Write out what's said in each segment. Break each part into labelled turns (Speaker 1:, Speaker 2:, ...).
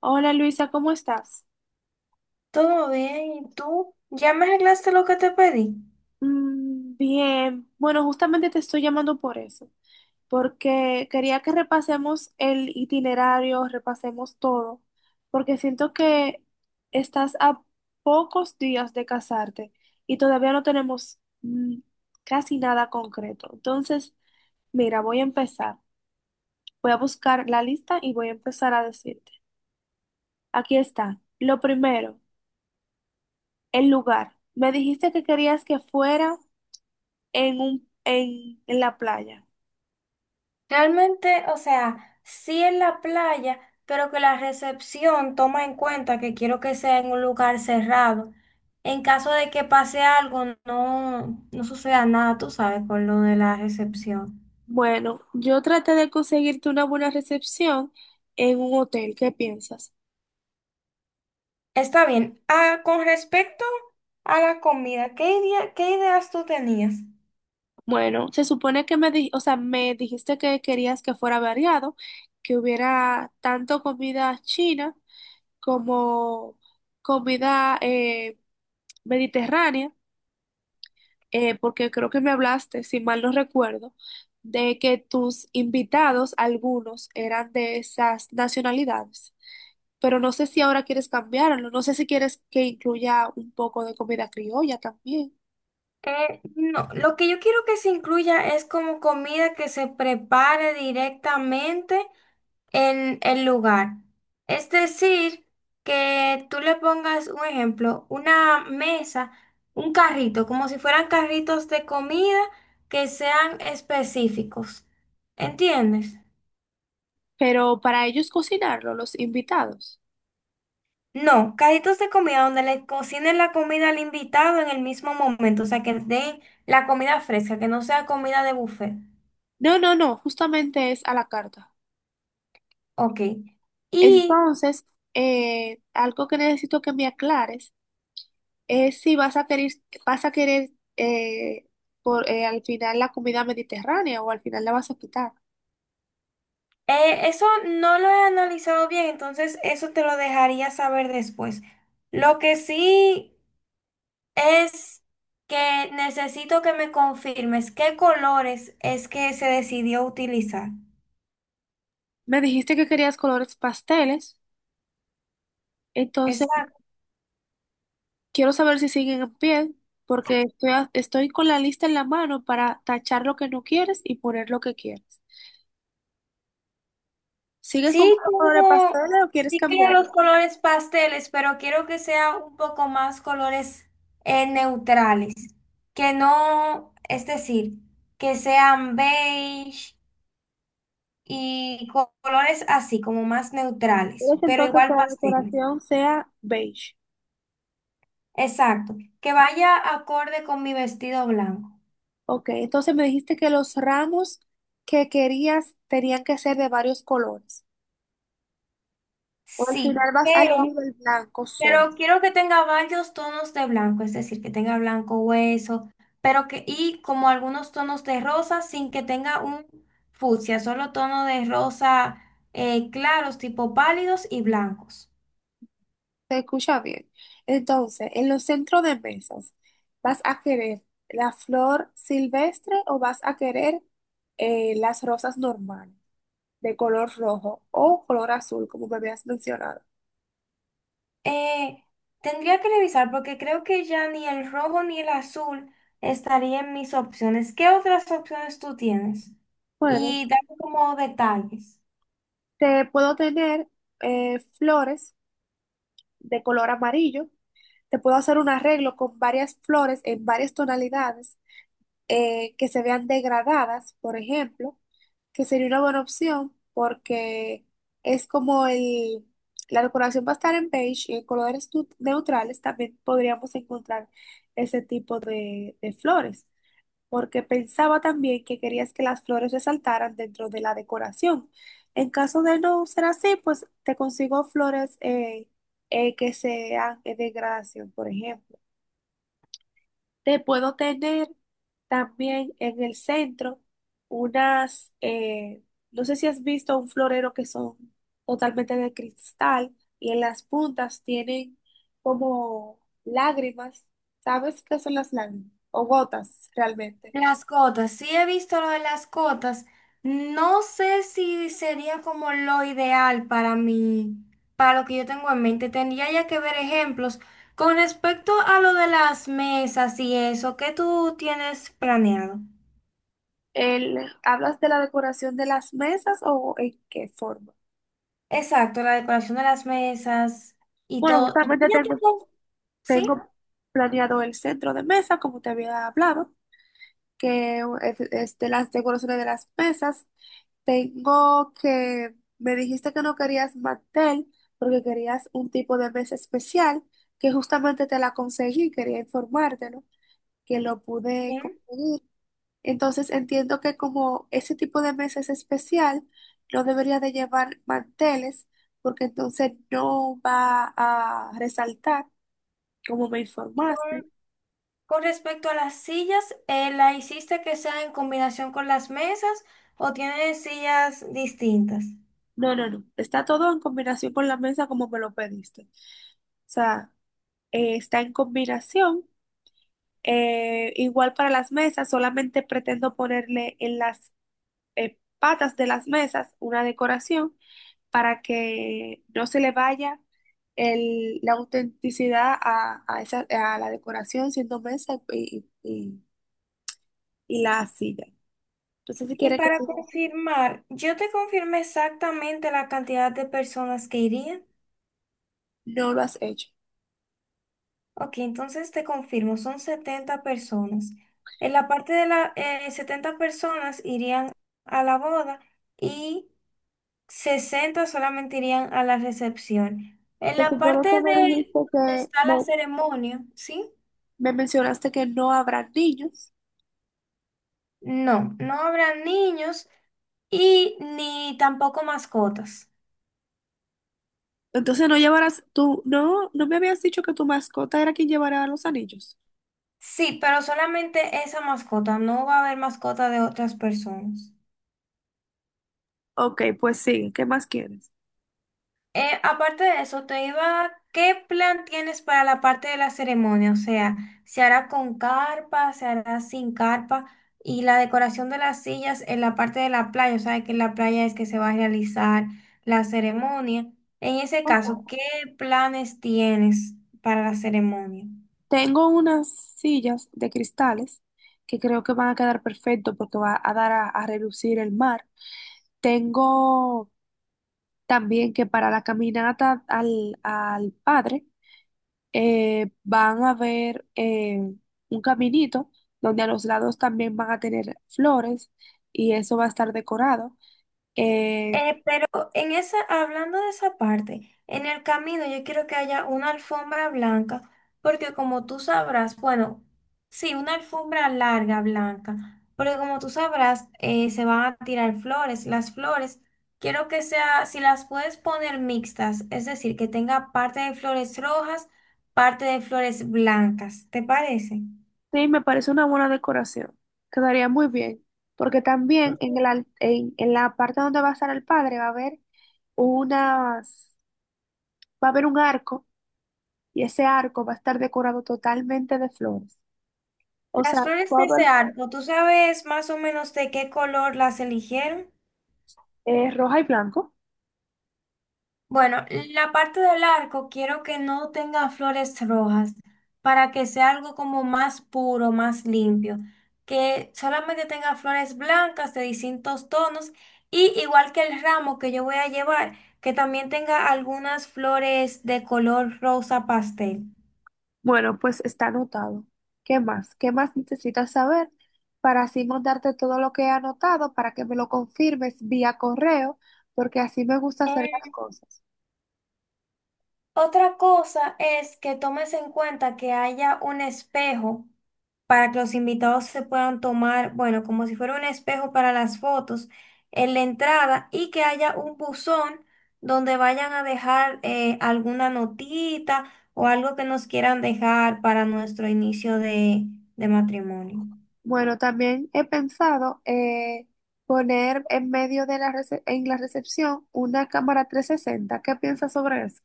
Speaker 1: Hola Luisa, ¿cómo estás?
Speaker 2: Todo bien, ¿y tú? ¿Ya me arreglaste lo que te pedí?
Speaker 1: Bien, bueno, justamente te estoy llamando por eso, porque quería que repasemos el itinerario, repasemos todo, porque siento que estás a pocos días de casarte y todavía no tenemos casi nada concreto. Entonces, mira, voy a empezar. Voy a buscar la lista y voy a empezar a decirte. Aquí está. Lo primero, el lugar. Me dijiste que querías que fuera en en la playa.
Speaker 2: Realmente, o sea, sí en la playa, pero que la recepción toma en cuenta que quiero que sea en un lugar cerrado. En caso de que pase algo, no, no suceda nada, tú sabes, con lo de la recepción.
Speaker 1: Bueno, yo traté de conseguirte una buena recepción en un hotel. ¿Qué piensas?
Speaker 2: Está bien. Ah, con respecto a la comida, ¿qué ideas tú tenías?
Speaker 1: Bueno, se supone que o sea, me dijiste que querías que fuera variado, que hubiera tanto comida china como comida mediterránea, porque creo que me hablaste, si mal no recuerdo, de que tus invitados, algunos, eran de esas nacionalidades. Pero no sé si ahora quieres cambiarlo, no sé si quieres que incluya un poco de comida criolla también,
Speaker 2: No, lo que yo quiero que se incluya es como comida que se prepare directamente en el lugar. Es decir, que tú le pongas un ejemplo, una mesa, un carrito, como si fueran carritos de comida que sean específicos. ¿Entiendes?
Speaker 1: pero para ellos cocinarlo, los invitados.
Speaker 2: No, carritos de comida donde le cocinen la comida al invitado en el mismo momento, o sea, que den la comida fresca, que no sea comida de buffet.
Speaker 1: No, no, no, justamente es a la carta.
Speaker 2: Ok. Y
Speaker 1: Entonces, algo que necesito que me aclares es si vas a querer, vas a querer eh, al final la comida mediterránea o al final la vas a quitar.
Speaker 2: eso no lo he analizado bien, entonces eso te lo dejaría saber después. Lo que sí es que necesito que me confirmes qué colores es que se decidió utilizar.
Speaker 1: Me dijiste que querías colores pasteles, entonces
Speaker 2: Exacto.
Speaker 1: quiero saber si siguen en pie, porque estoy con la lista en la mano para tachar lo que no quieres y poner lo que quieres. ¿Sigues
Speaker 2: Sí,
Speaker 1: comprando color de
Speaker 2: tengo,
Speaker 1: pastel o quieres
Speaker 2: sí quiero los
Speaker 1: cambiarlo?
Speaker 2: colores pasteles, pero quiero que sea un poco más colores neutrales. Que no, es decir, que sean beige. Y colores así, como más neutrales,
Speaker 1: ¿Quieres
Speaker 2: pero
Speaker 1: entonces que
Speaker 2: igual
Speaker 1: la
Speaker 2: pasteles.
Speaker 1: decoración sea beige?
Speaker 2: Exacto, que vaya acorde con mi vestido blanco.
Speaker 1: Ok, entonces me dijiste que los ramos que querías tenían que ser de varios colores. ¿O al
Speaker 2: Sí,
Speaker 1: final vas a elegir el blanco solo?
Speaker 2: pero quiero que tenga varios tonos de blanco, es decir, que tenga blanco hueso, pero que, y como algunos tonos de rosa sin que tenga un fucsia, solo tono de rosa claros, tipo pálidos y blancos.
Speaker 1: Se escucha bien. Entonces, en los centros de mesas, ¿vas a querer la flor silvestre o vas a querer las rosas normales de color rojo o color azul, como me habías mencionado?
Speaker 2: Eh, Tendría que revisar porque creo que ya ni el rojo ni el azul estaría en mis opciones. ¿Qué otras opciones tú tienes?
Speaker 1: Bueno,
Speaker 2: Y dame como detalles.
Speaker 1: te puedo tener flores de color amarillo. Te puedo hacer un arreglo con varias flores en varias tonalidades que se vean degradadas, por ejemplo, que sería una buena opción porque es como la decoración va a estar en beige, y en colores neutrales también podríamos encontrar ese tipo de flores, porque pensaba también que querías que las flores resaltaran dentro de la decoración. En caso de no ser así, pues te consigo flores que sean de degradación, por ejemplo. Te puedo tener también en el centro unas, no sé si has visto un florero que son totalmente de cristal y en las puntas tienen como lágrimas. ¿Sabes qué son las lágrimas? O gotas, realmente.
Speaker 2: Las cotas, sí he visto lo de las cotas. No sé si sería como lo ideal para mí, para lo que yo tengo en mente. Tendría ya que ver ejemplos. Con respecto a lo de las mesas y eso, ¿qué tú tienes planeado?
Speaker 1: El, ¿hablas de la decoración de las mesas o en qué forma?
Speaker 2: Exacto, la decoración de las mesas y
Speaker 1: Bueno,
Speaker 2: todo. Y
Speaker 1: justamente
Speaker 2: ¿sí?
Speaker 1: tengo planeado el centro de mesa, como te había hablado, es de las decoraciones de las mesas. Tengo que, me dijiste que no querías mantel porque querías un tipo de mesa especial que justamente te la conseguí, quería informártelo, que lo pude
Speaker 2: Bien.
Speaker 1: conseguir. Entonces entiendo que como ese tipo de mesa es especial, no debería de llevar manteles porque entonces no va a resaltar como me informaste.
Speaker 2: Con, con respecto a las sillas, ¿la hiciste que sea en combinación con las mesas o tienes sillas distintas?
Speaker 1: No, no, no. Está todo en combinación con la mesa como me lo pediste. O sea, está en combinación. Igual para las mesas, solamente pretendo ponerle en las patas de las mesas una decoración para que no se le vaya la autenticidad a esa, a la decoración siendo mesa y la silla. Entonces, si
Speaker 2: Y
Speaker 1: quieres que
Speaker 2: para
Speaker 1: siga así,
Speaker 2: confirmar, yo te confirmé exactamente la cantidad de personas que irían.
Speaker 1: no lo has hecho.
Speaker 2: Ok, entonces te confirmo, son 70 personas. En la parte de las 70 personas irían a la boda. Y 60 solamente irían a la recepción. En
Speaker 1: Se
Speaker 2: la
Speaker 1: supone
Speaker 2: parte
Speaker 1: que me
Speaker 2: de
Speaker 1: dijiste
Speaker 2: donde
Speaker 1: que
Speaker 2: está la ceremonia, ¿sí?
Speaker 1: me mencionaste que no habrá niños.
Speaker 2: No, no habrá niños y ni tampoco mascotas.
Speaker 1: Entonces no llevarás tú, no, no me habías dicho que tu mascota era quien llevará los anillos.
Speaker 2: Sí, pero solamente esa mascota, no va a haber mascota de otras personas.
Speaker 1: Ok, pues sí, ¿qué más quieres?
Speaker 2: Aparte de eso, te iba, ¿qué plan tienes para la parte de la ceremonia? O sea, ¿se hará con carpa, se hará sin carpa? Y la decoración de las sillas en la parte de la playa, o sea, que en la playa es que se va a realizar la ceremonia. En ese
Speaker 1: Ok.
Speaker 2: caso, ¿qué planes tienes para la ceremonia?
Speaker 1: Tengo unas sillas de cristales que creo que van a quedar perfecto porque va a dar a relucir el mar. Tengo también que para la caminata al padre van a ver un caminito donde a los lados también van a tener flores y eso va a estar decorado. Eh,
Speaker 2: Pero en esa, hablando de esa parte, en el camino yo quiero que haya una alfombra blanca, porque como tú sabrás, bueno, sí, una alfombra larga blanca, porque como tú sabrás, se van a tirar flores. Las flores, quiero que sea, si las puedes poner mixtas, es decir, que tenga parte de flores rojas, parte de flores blancas, ¿te parece?
Speaker 1: sí, me parece una buena decoración. Quedaría muy bien, porque también en
Speaker 2: Ujú.
Speaker 1: en la parte donde va a estar el padre va a haber unas, va a haber un arco y ese arco va a estar decorado totalmente de flores. O sea,
Speaker 2: Las flores de
Speaker 1: todo
Speaker 2: ese
Speaker 1: el-
Speaker 2: arco, ¿tú sabes más o menos de qué color las eligieron?
Speaker 1: roja y blanco.
Speaker 2: Bueno, la parte del arco quiero que no tenga flores rojas para que sea algo como más puro, más limpio, que solamente tenga flores blancas de distintos tonos y igual que el ramo que yo voy a llevar, que también tenga algunas flores de color rosa pastel.
Speaker 1: Bueno, pues está anotado. ¿Qué más? ¿Qué más necesitas saber para así mandarte todo lo que he anotado para que me lo confirmes vía correo? Porque así me gusta hacer las
Speaker 2: Eh,
Speaker 1: cosas.
Speaker 2: Otra cosa es que tomes en cuenta que haya un espejo para que los invitados se puedan tomar, bueno, como si fuera un espejo para las fotos en la entrada y que haya un buzón donde vayan a dejar alguna notita o algo que nos quieran dejar para nuestro inicio de matrimonio.
Speaker 1: Bueno, también he pensado poner en medio de en la recepción una cámara 360. ¿Qué piensas sobre eso?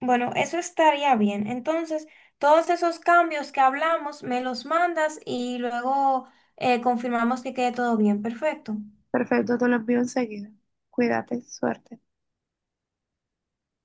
Speaker 2: Bueno, eso estaría bien. Entonces, todos esos cambios que hablamos, me los mandas y luego confirmamos que quede todo bien. Perfecto.
Speaker 1: Perfecto, te lo envío enseguida. Cuídate, suerte.